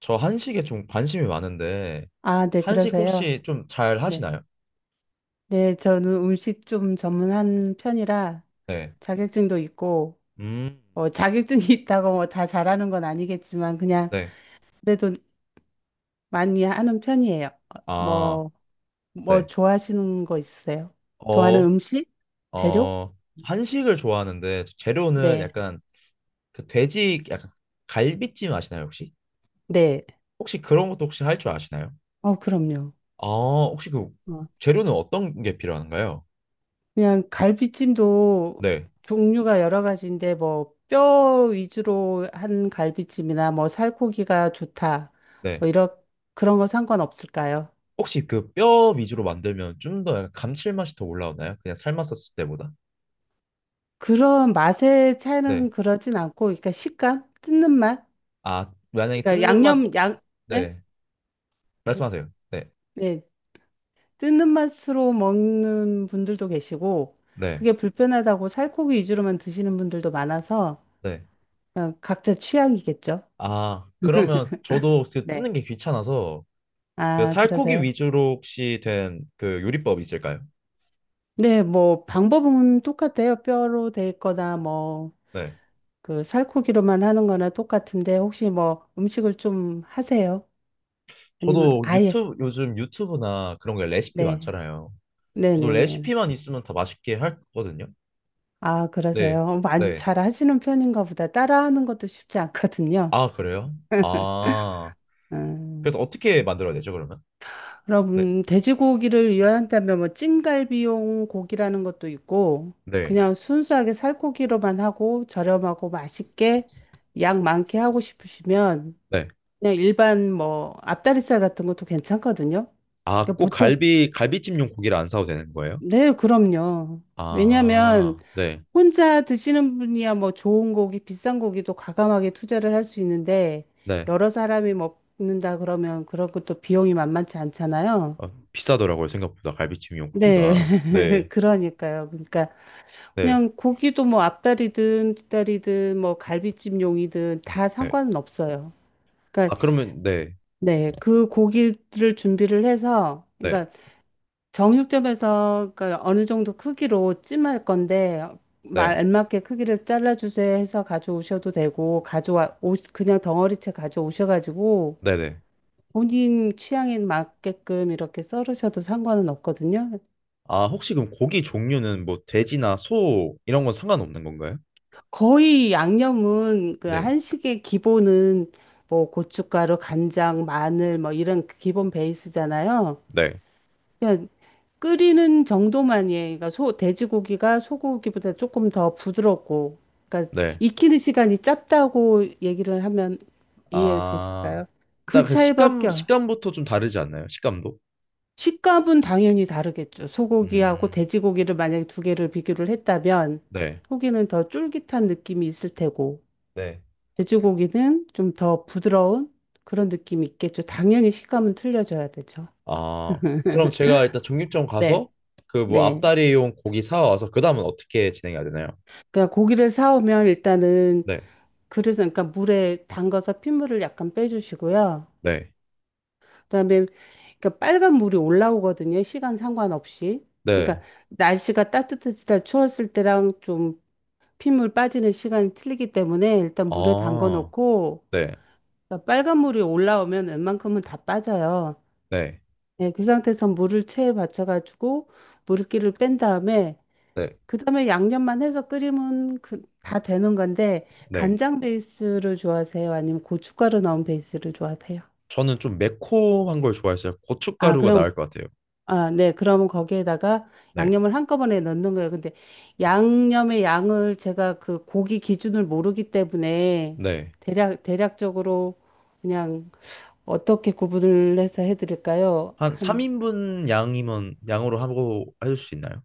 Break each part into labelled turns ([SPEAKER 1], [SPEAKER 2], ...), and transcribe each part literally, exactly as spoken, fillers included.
[SPEAKER 1] 저 한식에 좀 관심이 많은데
[SPEAKER 2] 아, 네,
[SPEAKER 1] 한식
[SPEAKER 2] 그러세요.
[SPEAKER 1] 혹시 좀 잘
[SPEAKER 2] 네.
[SPEAKER 1] 하시나요?
[SPEAKER 2] 네, 저는 음식 좀 전문한 편이라
[SPEAKER 1] 네.
[SPEAKER 2] 자격증도 있고,
[SPEAKER 1] 음.
[SPEAKER 2] 어, 자격증이 있다고 뭐 다 잘하는 건 아니겠지만, 그냥
[SPEAKER 1] 네.
[SPEAKER 2] 그래도 많이 하는 편이에요. 어,
[SPEAKER 1] 아,
[SPEAKER 2] 뭐, 뭐
[SPEAKER 1] 네.
[SPEAKER 2] 좋아하시는 거 있으세요? 좋아하는
[SPEAKER 1] 어,
[SPEAKER 2] 음식? 재료?
[SPEAKER 1] 어, 한식을 좋아하는데 재료는
[SPEAKER 2] 네.
[SPEAKER 1] 약간 그 돼지 약간 갈비찜 아시나요, 혹시?
[SPEAKER 2] 네.
[SPEAKER 1] 혹시 그런 것도 혹시 할 줄 아시나요?
[SPEAKER 2] 어, 그럼요.
[SPEAKER 1] 아, 혹시 그
[SPEAKER 2] 어.
[SPEAKER 1] 재료는 어떤 게 필요한가요?
[SPEAKER 2] 그냥 갈비찜도
[SPEAKER 1] 네.
[SPEAKER 2] 종류가 여러 가지인데 뭐 뼈 위주로 한 갈비찜이나 뭐 살코기가 좋다.
[SPEAKER 1] 네.
[SPEAKER 2] 뭐 이런 그런 거 상관없을까요?
[SPEAKER 1] 혹시 그 뼈 위주로 만들면 좀 더 감칠맛이 더 올라오나요? 그냥 삶았었을 때보다?
[SPEAKER 2] 그런 맛의
[SPEAKER 1] 네.
[SPEAKER 2] 차이는 그러진 않고, 그러니까 식감, 뜯는 맛.
[SPEAKER 1] 아, 만약에
[SPEAKER 2] 그러니까
[SPEAKER 1] 뜯는 맛,
[SPEAKER 2] 양념 양, 네?
[SPEAKER 1] 네. 말씀하세요. 네,
[SPEAKER 2] 네. 뜯는 맛으로 먹는 분들도 계시고,
[SPEAKER 1] 네,
[SPEAKER 2] 그게 불편하다고 살코기 위주로만 드시는 분들도 많아서
[SPEAKER 1] 네.
[SPEAKER 2] 그냥 각자 취향이겠죠.
[SPEAKER 1] 아, 그러면 저도 그 뜯는
[SPEAKER 2] 네.
[SPEAKER 1] 게 귀찮아서 그
[SPEAKER 2] 아,
[SPEAKER 1] 살코기
[SPEAKER 2] 그러세요?
[SPEAKER 1] 위주로 혹시 된 그 요리법 있을까요?
[SPEAKER 2] 네, 뭐 방법은 똑같아요. 뼈로 돼 있거나 뭐
[SPEAKER 1] 네.
[SPEAKER 2] 그 살코기로만 하는 거나 똑같은데, 혹시 뭐 음식을 좀 하세요? 아니면
[SPEAKER 1] 저도
[SPEAKER 2] 아예,
[SPEAKER 1] 유튜브, 요즘 유튜브나 그런 게 레시피
[SPEAKER 2] 네.
[SPEAKER 1] 많잖아요. 저도
[SPEAKER 2] 네네네.
[SPEAKER 1] 레시피만 있으면 다 맛있게 할 거거든요.
[SPEAKER 2] 아,
[SPEAKER 1] 네,
[SPEAKER 2] 그러세요. 어, 많이
[SPEAKER 1] 네.
[SPEAKER 2] 잘 하시는 편인가 보다. 따라하는 것도 쉽지 않거든요.
[SPEAKER 1] 아, 그래요? 아,
[SPEAKER 2] 음,
[SPEAKER 1] 그래서 어떻게 만들어야 되죠, 그러면? 네,
[SPEAKER 2] 그럼 돼지고기를 이용한다면 뭐 찜갈비용 고기라는 것도 있고,
[SPEAKER 1] 네,
[SPEAKER 2] 그냥 순수하게 살코기로만 하고 저렴하고 맛있게 양 많게 하고 싶으시면
[SPEAKER 1] 네.
[SPEAKER 2] 그냥 일반 뭐 앞다리살 같은 것도 괜찮거든요.
[SPEAKER 1] 아,
[SPEAKER 2] 그러니까
[SPEAKER 1] 꼭
[SPEAKER 2] 보통,
[SPEAKER 1] 갈비, 갈비찜용 고기를 안 사도 되는 거예요?
[SPEAKER 2] 네, 그럼요. 왜냐하면
[SPEAKER 1] 아, 네,
[SPEAKER 2] 혼자 드시는 분이야 뭐 좋은 고기, 비싼 고기도 과감하게 투자를 할 수 있는데,
[SPEAKER 1] 네.
[SPEAKER 2] 여러 사람이 먹는다 그러면 그런 것도 비용이 만만치 않잖아요.
[SPEAKER 1] 아, 비싸더라고요 생각보다 갈비찜
[SPEAKER 2] 네,
[SPEAKER 1] 용고기가. 네,
[SPEAKER 2] 그러니까요. 그러니까
[SPEAKER 1] 네,
[SPEAKER 2] 그냥 고기도 뭐 앞다리든 뒷다리든 뭐 갈비찜용이든 다 상관은
[SPEAKER 1] 네.
[SPEAKER 2] 없어요. 그러니까
[SPEAKER 1] 아, 그러면 네,
[SPEAKER 2] 네, 그 고기를 준비를 해서, 그러니까
[SPEAKER 1] 네,
[SPEAKER 2] 정육점에서 그러니까 어느 정도 크기로 찜할 건데 말
[SPEAKER 1] 네,
[SPEAKER 2] 알맞게 크기를 잘라주세요 해서 가져오셔도 되고, 가져와 오, 그냥 덩어리째 가져오셔가지고
[SPEAKER 1] 네, 네.
[SPEAKER 2] 본인 취향에 맞게끔 이렇게 썰으셔도 상관은 없거든요.
[SPEAKER 1] 아, 혹시 그럼 고기 종류는 뭐 돼지나 소 이런 건 상관없는 건가요?
[SPEAKER 2] 거의 양념은, 그
[SPEAKER 1] 네,
[SPEAKER 2] 한식의 기본은 뭐 고춧가루, 간장, 마늘 뭐 이런 기본 베이스잖아요.
[SPEAKER 1] 네,
[SPEAKER 2] 끓이는 정도만이에요. 그러니까 소, 돼지고기가 소고기보다 조금 더 부드럽고, 그러니까
[SPEAKER 1] 네.
[SPEAKER 2] 익히는 시간이 짧다고 얘기를 하면
[SPEAKER 1] 아,
[SPEAKER 2] 이해되실까요?
[SPEAKER 1] 일단
[SPEAKER 2] 그
[SPEAKER 1] 그
[SPEAKER 2] 차이밖에.
[SPEAKER 1] 식감
[SPEAKER 2] 없-
[SPEAKER 1] 식감부터 좀 다르지 않나요? 식감도.
[SPEAKER 2] 식감은 당연히 다르겠죠.
[SPEAKER 1] 음,
[SPEAKER 2] 소고기하고 돼지고기를 만약에 두 개를 비교를 했다면,
[SPEAKER 1] 네,
[SPEAKER 2] 소고기는 더 쫄깃한 느낌이 있을 테고,
[SPEAKER 1] 네.
[SPEAKER 2] 돼지고기는 좀 더 부드러운 그런 느낌이 있겠죠. 당연히 식감은 틀려져야 되죠.
[SPEAKER 1] 아, 그럼 제가 일단 정육점 가서
[SPEAKER 2] 네,
[SPEAKER 1] 그 뭐
[SPEAKER 2] 네.
[SPEAKER 1] 앞다리용 고기 사와서 그 다음은 어떻게 진행해야 되나요?
[SPEAKER 2] 그러니까 고기를 사오면 일단은,
[SPEAKER 1] 네
[SPEAKER 2] 그래서 그러니까 물에 담가서 핏물을 약간 빼주시고요.
[SPEAKER 1] 네
[SPEAKER 2] 그다음에 그러니까 빨간 물이 올라오거든요. 시간 상관없이. 그러니까
[SPEAKER 1] 네
[SPEAKER 2] 날씨가 따뜻해지다 추웠을 때랑 좀 핏물 빠지는 시간이 틀리기 때문에 일단 물에 담궈
[SPEAKER 1] 아
[SPEAKER 2] 놓고,
[SPEAKER 1] 네
[SPEAKER 2] 그러니까 빨간 물이 올라오면 웬만큼은 다 빠져요.
[SPEAKER 1] 네
[SPEAKER 2] 예, 그 상태에서 물을 체에 받쳐가지고 물기를 뺀 다음에,
[SPEAKER 1] 네.
[SPEAKER 2] 그다음에 양념만 해서 끓이면 그, 다 되는 건데,
[SPEAKER 1] 네.
[SPEAKER 2] 간장 베이스를 좋아하세요? 아니면 고춧가루 넣은 베이스를 좋아하세요?
[SPEAKER 1] 저는 좀 매콤한 걸 좋아했어요.
[SPEAKER 2] 아,
[SPEAKER 1] 고춧가루가
[SPEAKER 2] 그럼,
[SPEAKER 1] 나을 것 같아요.
[SPEAKER 2] 아, 네. 그러면 거기에다가
[SPEAKER 1] 네.
[SPEAKER 2] 양념을 한꺼번에 넣는 거예요. 근데 양념의 양을 제가 그 고기 기준을 모르기 때문에,
[SPEAKER 1] 네.
[SPEAKER 2] 대략 대략적으로 그냥 어떻게 구분을 해서 해 드릴까요?
[SPEAKER 1] 한 삼 인분 양이면 양으로 하고 해줄 수 있나요?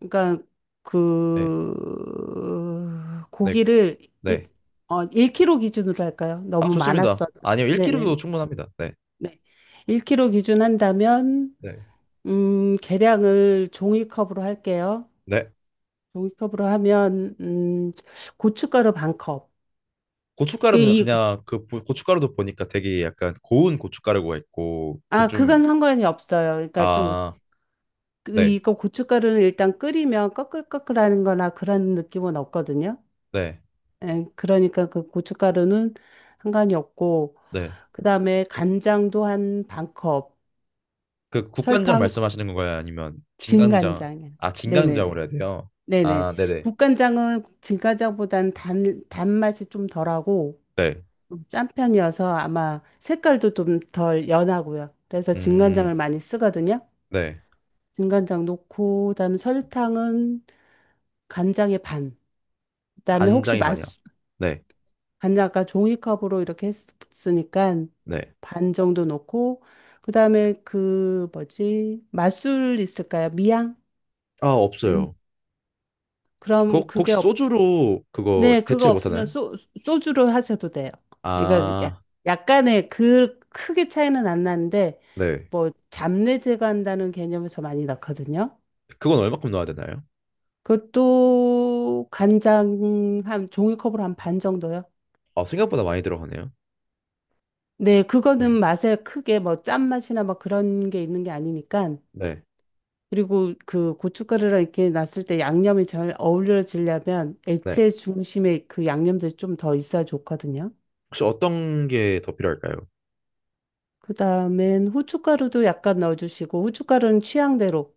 [SPEAKER 2] 그러니까 그
[SPEAKER 1] 네. 네.
[SPEAKER 2] 고기를 일,
[SPEAKER 1] 네.
[SPEAKER 2] 어, 일 킬로그램 기준으로 할까요?
[SPEAKER 1] 아,
[SPEAKER 2] 너무
[SPEAKER 1] 좋습니다.
[SPEAKER 2] 많았어.
[SPEAKER 1] 아니요. 일 킬로그램도
[SPEAKER 2] 네네네.
[SPEAKER 1] 충분합니다. 네.
[SPEAKER 2] 네. 일 킬로그램 기준 한다면
[SPEAKER 1] 네.
[SPEAKER 2] 음, 계량을 종이컵으로 할게요.
[SPEAKER 1] 네.
[SPEAKER 2] 종이컵으로 하면 음, 고춧가루 반 컵. 이게
[SPEAKER 1] 고춧가루는
[SPEAKER 2] 이,
[SPEAKER 1] 그냥 그 보- 고춧가루도 보니까 되게 약간 고운 고춧가루가 있고 그
[SPEAKER 2] 아,
[SPEAKER 1] 좀.
[SPEAKER 2] 그건 상관이 없어요. 그러니까 좀
[SPEAKER 1] 아,
[SPEAKER 2] 그-
[SPEAKER 1] 네.
[SPEAKER 2] 이거 고춧가루는 일단 끓이면 꺼끌꺼끌하는 거나 그런 느낌은 없거든요.
[SPEAKER 1] 네.
[SPEAKER 2] 예, 그러니까 그 고춧가루는 상관이 없고,
[SPEAKER 1] 네.
[SPEAKER 2] 그다음에 간장도 한 반 컵,
[SPEAKER 1] 그 국간장
[SPEAKER 2] 설탕,
[SPEAKER 1] 말씀하시는 건가요? 아니면
[SPEAKER 2] 진간
[SPEAKER 1] 진간장?
[SPEAKER 2] 장이
[SPEAKER 1] 아,
[SPEAKER 2] 네네네.
[SPEAKER 1] 진간장으로 해야 돼요.
[SPEAKER 2] 네네.
[SPEAKER 1] 아, 네네.
[SPEAKER 2] 국간장은 진간장보단 단, 단맛이 좀 덜하고
[SPEAKER 1] 네.
[SPEAKER 2] 좀 짠 편이어서 아마 색깔도 좀 덜 연하고요. 그래서
[SPEAKER 1] 음.
[SPEAKER 2] 진간장을 많이 쓰거든요.
[SPEAKER 1] 네.
[SPEAKER 2] 진간장 넣고, 그다음에 설탕은 간장의 반. 그다음에 혹시
[SPEAKER 1] 간장이
[SPEAKER 2] 맛,
[SPEAKER 1] 반이야. 네,
[SPEAKER 2] 반을 아까 종이컵으로 이렇게 했으니까
[SPEAKER 1] 네.
[SPEAKER 2] 반 정도 넣고, 그다음에 그 뭐지? 맛술 있을까요? 미양?
[SPEAKER 1] 아,
[SPEAKER 2] 네.
[SPEAKER 1] 없어요. 그,
[SPEAKER 2] 그럼 그게
[SPEAKER 1] 혹시
[SPEAKER 2] 없,
[SPEAKER 1] 소주로 그거
[SPEAKER 2] 네, 그거
[SPEAKER 1] 대체
[SPEAKER 2] 없으면
[SPEAKER 1] 못하나요?
[SPEAKER 2] 소, 소주로 하셔도 돼요. 그러니까 야-
[SPEAKER 1] 아,
[SPEAKER 2] 약간의 그 크게 차이는 안 나는데
[SPEAKER 1] 네.
[SPEAKER 2] 뭐 잡내 제거한다는 개념에서 많이 넣거든요.
[SPEAKER 1] 그건 얼마큼 넣어야 되나요?
[SPEAKER 2] 그것도 간장 한 종이컵으로 한 반 정도요.
[SPEAKER 1] 아, 생각보다 많이 들어가네요.
[SPEAKER 2] 네, 그거는
[SPEAKER 1] 네,
[SPEAKER 2] 맛에 크게 뭐 짠맛이나 뭐 그런 게 있는 게 아니니까.
[SPEAKER 1] 네,
[SPEAKER 2] 그리고 그 고춧가루랑 이렇게 놨을 때 양념이 잘 어우러지려면
[SPEAKER 1] 네.
[SPEAKER 2] 액체 중심에 그 양념들이 좀 더 있어야 좋거든요.
[SPEAKER 1] 혹시 어떤 게 더 필요할까요?
[SPEAKER 2] 그 다음엔 후춧가루도 약간 넣어주시고, 후춧가루는 취향대로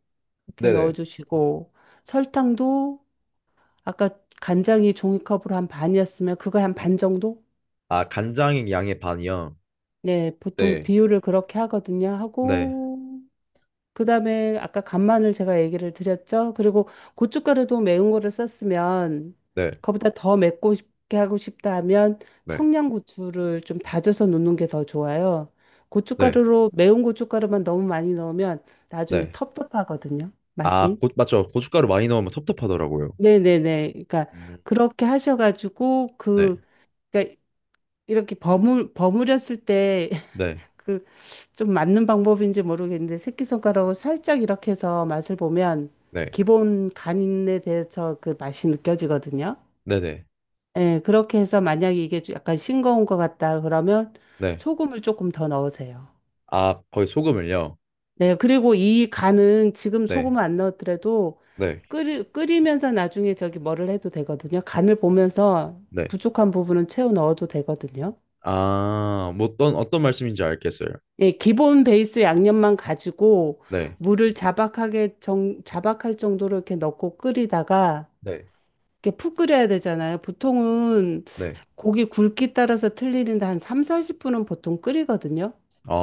[SPEAKER 2] 이렇게
[SPEAKER 1] 네네.
[SPEAKER 2] 넣어주시고, 설탕도, 아까 간장이 종이컵으로 한 반이었으면 그거 한 반 정도?
[SPEAKER 1] 아, 간장의 양의 반이요.
[SPEAKER 2] 네, 보통
[SPEAKER 1] 네,
[SPEAKER 2] 비율을 그렇게 하거든요.
[SPEAKER 1] 네,
[SPEAKER 2] 하고, 그다음에 아까 간마늘 제가 얘기를 드렸죠. 그리고 고춧가루도 매운 거를 썼으면
[SPEAKER 1] 네,
[SPEAKER 2] 그보다 더 맵고 싶게 하고 싶다 하면
[SPEAKER 1] 네,
[SPEAKER 2] 청양고추를 좀 다져서 넣는 게 더 좋아요.
[SPEAKER 1] 네,
[SPEAKER 2] 고춧가루로 매운 고춧가루만 너무 많이 넣으면 나중에
[SPEAKER 1] 네.
[SPEAKER 2] 텁텁하거든요.
[SPEAKER 1] 아,
[SPEAKER 2] 맛이.
[SPEAKER 1] 고, 맞죠. 고춧가루 많이 넣으면 텁텁하더라고요.
[SPEAKER 2] 네네네. 그러니까
[SPEAKER 1] 음,
[SPEAKER 2] 그렇게 하셔가지고
[SPEAKER 1] 네,
[SPEAKER 2] 그, 그러니까 이렇게 버무 버무렸을 때
[SPEAKER 1] 네,
[SPEAKER 2] 그, 좀 맞는 방법인지 모르겠는데 새끼손가락으로 살짝 이렇게 해서 맛을 보면
[SPEAKER 1] 네,
[SPEAKER 2] 기본 간에 대해서 그 맛이 느껴지거든요.
[SPEAKER 1] 네, 네,
[SPEAKER 2] 예, 그렇게 해서 만약에 이게 좀 약간 싱거운 것 같다 그러면
[SPEAKER 1] 네.
[SPEAKER 2] 소금을 조금 더 넣으세요.
[SPEAKER 1] 아, 거의 소금을요.
[SPEAKER 2] 네, 그리고 이 간은 지금
[SPEAKER 1] 네,
[SPEAKER 2] 소금을 안 넣었더라도
[SPEAKER 1] 네,
[SPEAKER 2] 끓이, 끓이면서 나중에 저기 뭐를 해도 되거든요. 간을 보면서
[SPEAKER 1] 네.
[SPEAKER 2] 부족한 부분은 채워 넣어도 되거든요.
[SPEAKER 1] 아, 뭐 어떤 어떤 말씀인지 알겠어요.
[SPEAKER 2] 예, 기본 베이스 양념만 가지고
[SPEAKER 1] 네,
[SPEAKER 2] 물을 자박하게, 정, 자박할 정도로 이렇게 넣고 끓이다가
[SPEAKER 1] 네.
[SPEAKER 2] 이렇게 푹 끓여야 되잖아요. 보통은
[SPEAKER 1] 네.
[SPEAKER 2] 고기 굵기 따라서 틀리는데 한 삼십, 사십 분은 보통 끓이거든요.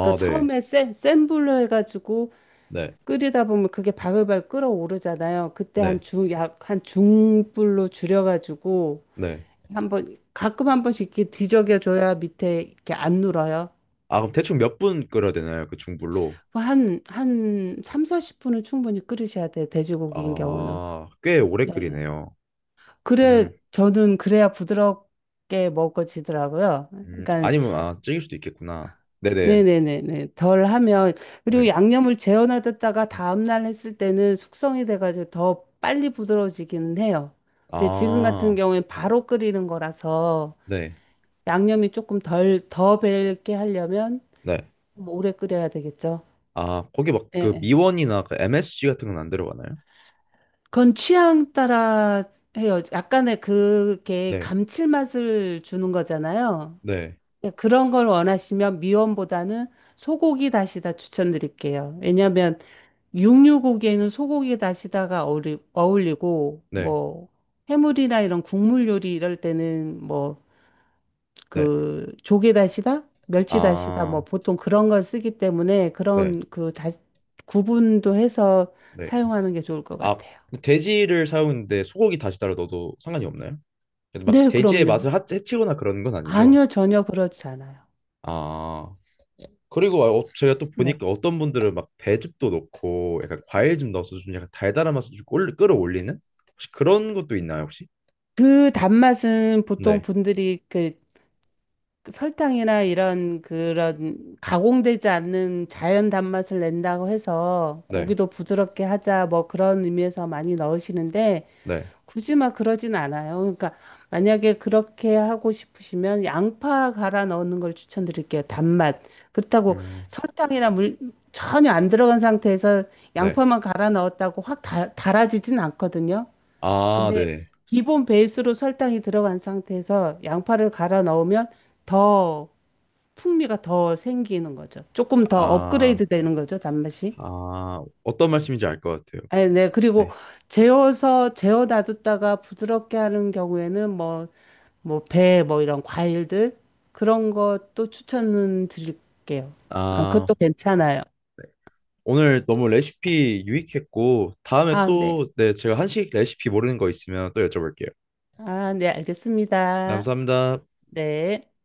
[SPEAKER 2] 그러니까
[SPEAKER 1] 네,
[SPEAKER 2] 처음에 센, 센 불로 해가지고
[SPEAKER 1] 네,
[SPEAKER 2] 끓이다 보면 그게 바글바글 끓어오르잖아요. 그때 한
[SPEAKER 1] 네,
[SPEAKER 2] 중, 약, 한 중불로 줄여가지고
[SPEAKER 1] 네.
[SPEAKER 2] 한번, 가끔 한 번씩 이렇게 뒤적여줘야 밑에 이렇게 안 눌어요.
[SPEAKER 1] 아, 그럼 대충 몇 분 끓여야 되나요? 그 중불로?
[SPEAKER 2] 뭐 한, 한 삼십, 사십 분은 충분히 끓이셔야 돼요. 돼지고기인 경우는.
[SPEAKER 1] 아, 꽤 오래
[SPEAKER 2] 네네.
[SPEAKER 1] 끓이네요.
[SPEAKER 2] 그래,
[SPEAKER 1] 음,
[SPEAKER 2] 저는 그래야 부드럽게 먹어지더라고요.
[SPEAKER 1] 음,
[SPEAKER 2] 그러니까,
[SPEAKER 1] 아니면 아, 찌길 수도 있겠구나. 네, 네,
[SPEAKER 2] 네네네네. 덜 하면, 그리고
[SPEAKER 1] 네.
[SPEAKER 2] 양념을 재워놔뒀다가 다음날 했을 때는 숙성이 돼가지고 더 빨리 부드러워지기는 해요. 근데 지금 같은
[SPEAKER 1] 아,
[SPEAKER 2] 경우엔 바로 끓이는 거라서
[SPEAKER 1] 네,
[SPEAKER 2] 양념이 조금 덜, 더 배게 하려면
[SPEAKER 1] 네.
[SPEAKER 2] 좀 오래 끓여야 되겠죠.
[SPEAKER 1] 아, 거기 막 그
[SPEAKER 2] 네.
[SPEAKER 1] 미원이나 그 엠에스지 같은 건 안 들어가나요?
[SPEAKER 2] 그건 취향 따라 해요. 약간의 그게
[SPEAKER 1] 네,
[SPEAKER 2] 감칠맛을 주는 거잖아요.
[SPEAKER 1] 네,
[SPEAKER 2] 예, 그런 걸 원하시면 미원보다는 소고기 다시다 추천드릴게요. 왜냐하면 육류고기에는 소고기 다시다가 어울리, 어울리고
[SPEAKER 1] 네,
[SPEAKER 2] 뭐 해물이나 이런 국물 요리 이럴 때는 뭐
[SPEAKER 1] 네.
[SPEAKER 2] 그 조개 다시다, 멸치 다시다 뭐
[SPEAKER 1] 아,
[SPEAKER 2] 보통 그런 걸 쓰기 때문에
[SPEAKER 1] 네,
[SPEAKER 2] 그런 그 다, 구분도 해서
[SPEAKER 1] 네.
[SPEAKER 2] 사용하는 게 좋을 것
[SPEAKER 1] 아,
[SPEAKER 2] 같아요.
[SPEAKER 1] 돼지를 사용했는데 소고기 다시 따로 넣어도 상관이 없나요? 그래도 막
[SPEAKER 2] 네,
[SPEAKER 1] 돼지의
[SPEAKER 2] 그럼요.
[SPEAKER 1] 맛을 하- 해치거나 그런 건 아니죠.
[SPEAKER 2] 아니요, 전혀 그렇지 않아요.
[SPEAKER 1] 아, 그리고 어, 제가 또
[SPEAKER 2] 네.
[SPEAKER 1] 보니까 어떤 분들은 막 배즙도 넣고 약간 과일 좀 넣어서 좀 약간 달달한 맛을 좀 꼴- 끌어올리는. 혹시 그런 것도 있나요 혹시?
[SPEAKER 2] 그 단맛은 보통
[SPEAKER 1] 네,
[SPEAKER 2] 분들이 그 설탕이나 이런 그런 가공되지 않는 자연 단맛을 낸다고 해서
[SPEAKER 1] 네,
[SPEAKER 2] 고기도 부드럽게 하자 뭐 그런 의미에서 많이 넣으시는데
[SPEAKER 1] 네,
[SPEAKER 2] 굳이 막 그러진 않아요. 그러니까 만약에 그렇게 하고 싶으시면 양파 갈아 넣는 걸 추천드릴게요. 단맛. 그렇다고
[SPEAKER 1] 음,
[SPEAKER 2] 설탕이나 물 전혀 안 들어간 상태에서
[SPEAKER 1] 네.
[SPEAKER 2] 양파만 갈아 넣었다고 확 달, 달아지진 않거든요.
[SPEAKER 1] 아,
[SPEAKER 2] 근데
[SPEAKER 1] 네.
[SPEAKER 2] 기본 베이스로 설탕이 들어간 상태에서 양파를 갈아 넣으면 더 풍미가 더 생기는 거죠. 조금 더
[SPEAKER 1] 아,
[SPEAKER 2] 업그레이드 되는 거죠, 단맛이.
[SPEAKER 1] 아 어떤 말씀인지 알 것 같아요.
[SPEAKER 2] 아, 네. 그리고
[SPEAKER 1] 네.
[SPEAKER 2] 재워서 재워 놔뒀다가 부드럽게 하는 경우에는 뭐, 뭐, 배, 뭐 이런 과일들 그런 것도 추천은 드릴게요. 아, 그것도
[SPEAKER 1] 아,
[SPEAKER 2] 괜찮아요.
[SPEAKER 1] 네. 오늘 너무 레시피 유익했고 다음에
[SPEAKER 2] 아, 네.
[SPEAKER 1] 또 네, 제가 한식 레시피 모르는 거 있으면 또 여쭤볼게요.
[SPEAKER 2] 아, 네. 알겠습니다.
[SPEAKER 1] 감사합니다.
[SPEAKER 2] 네.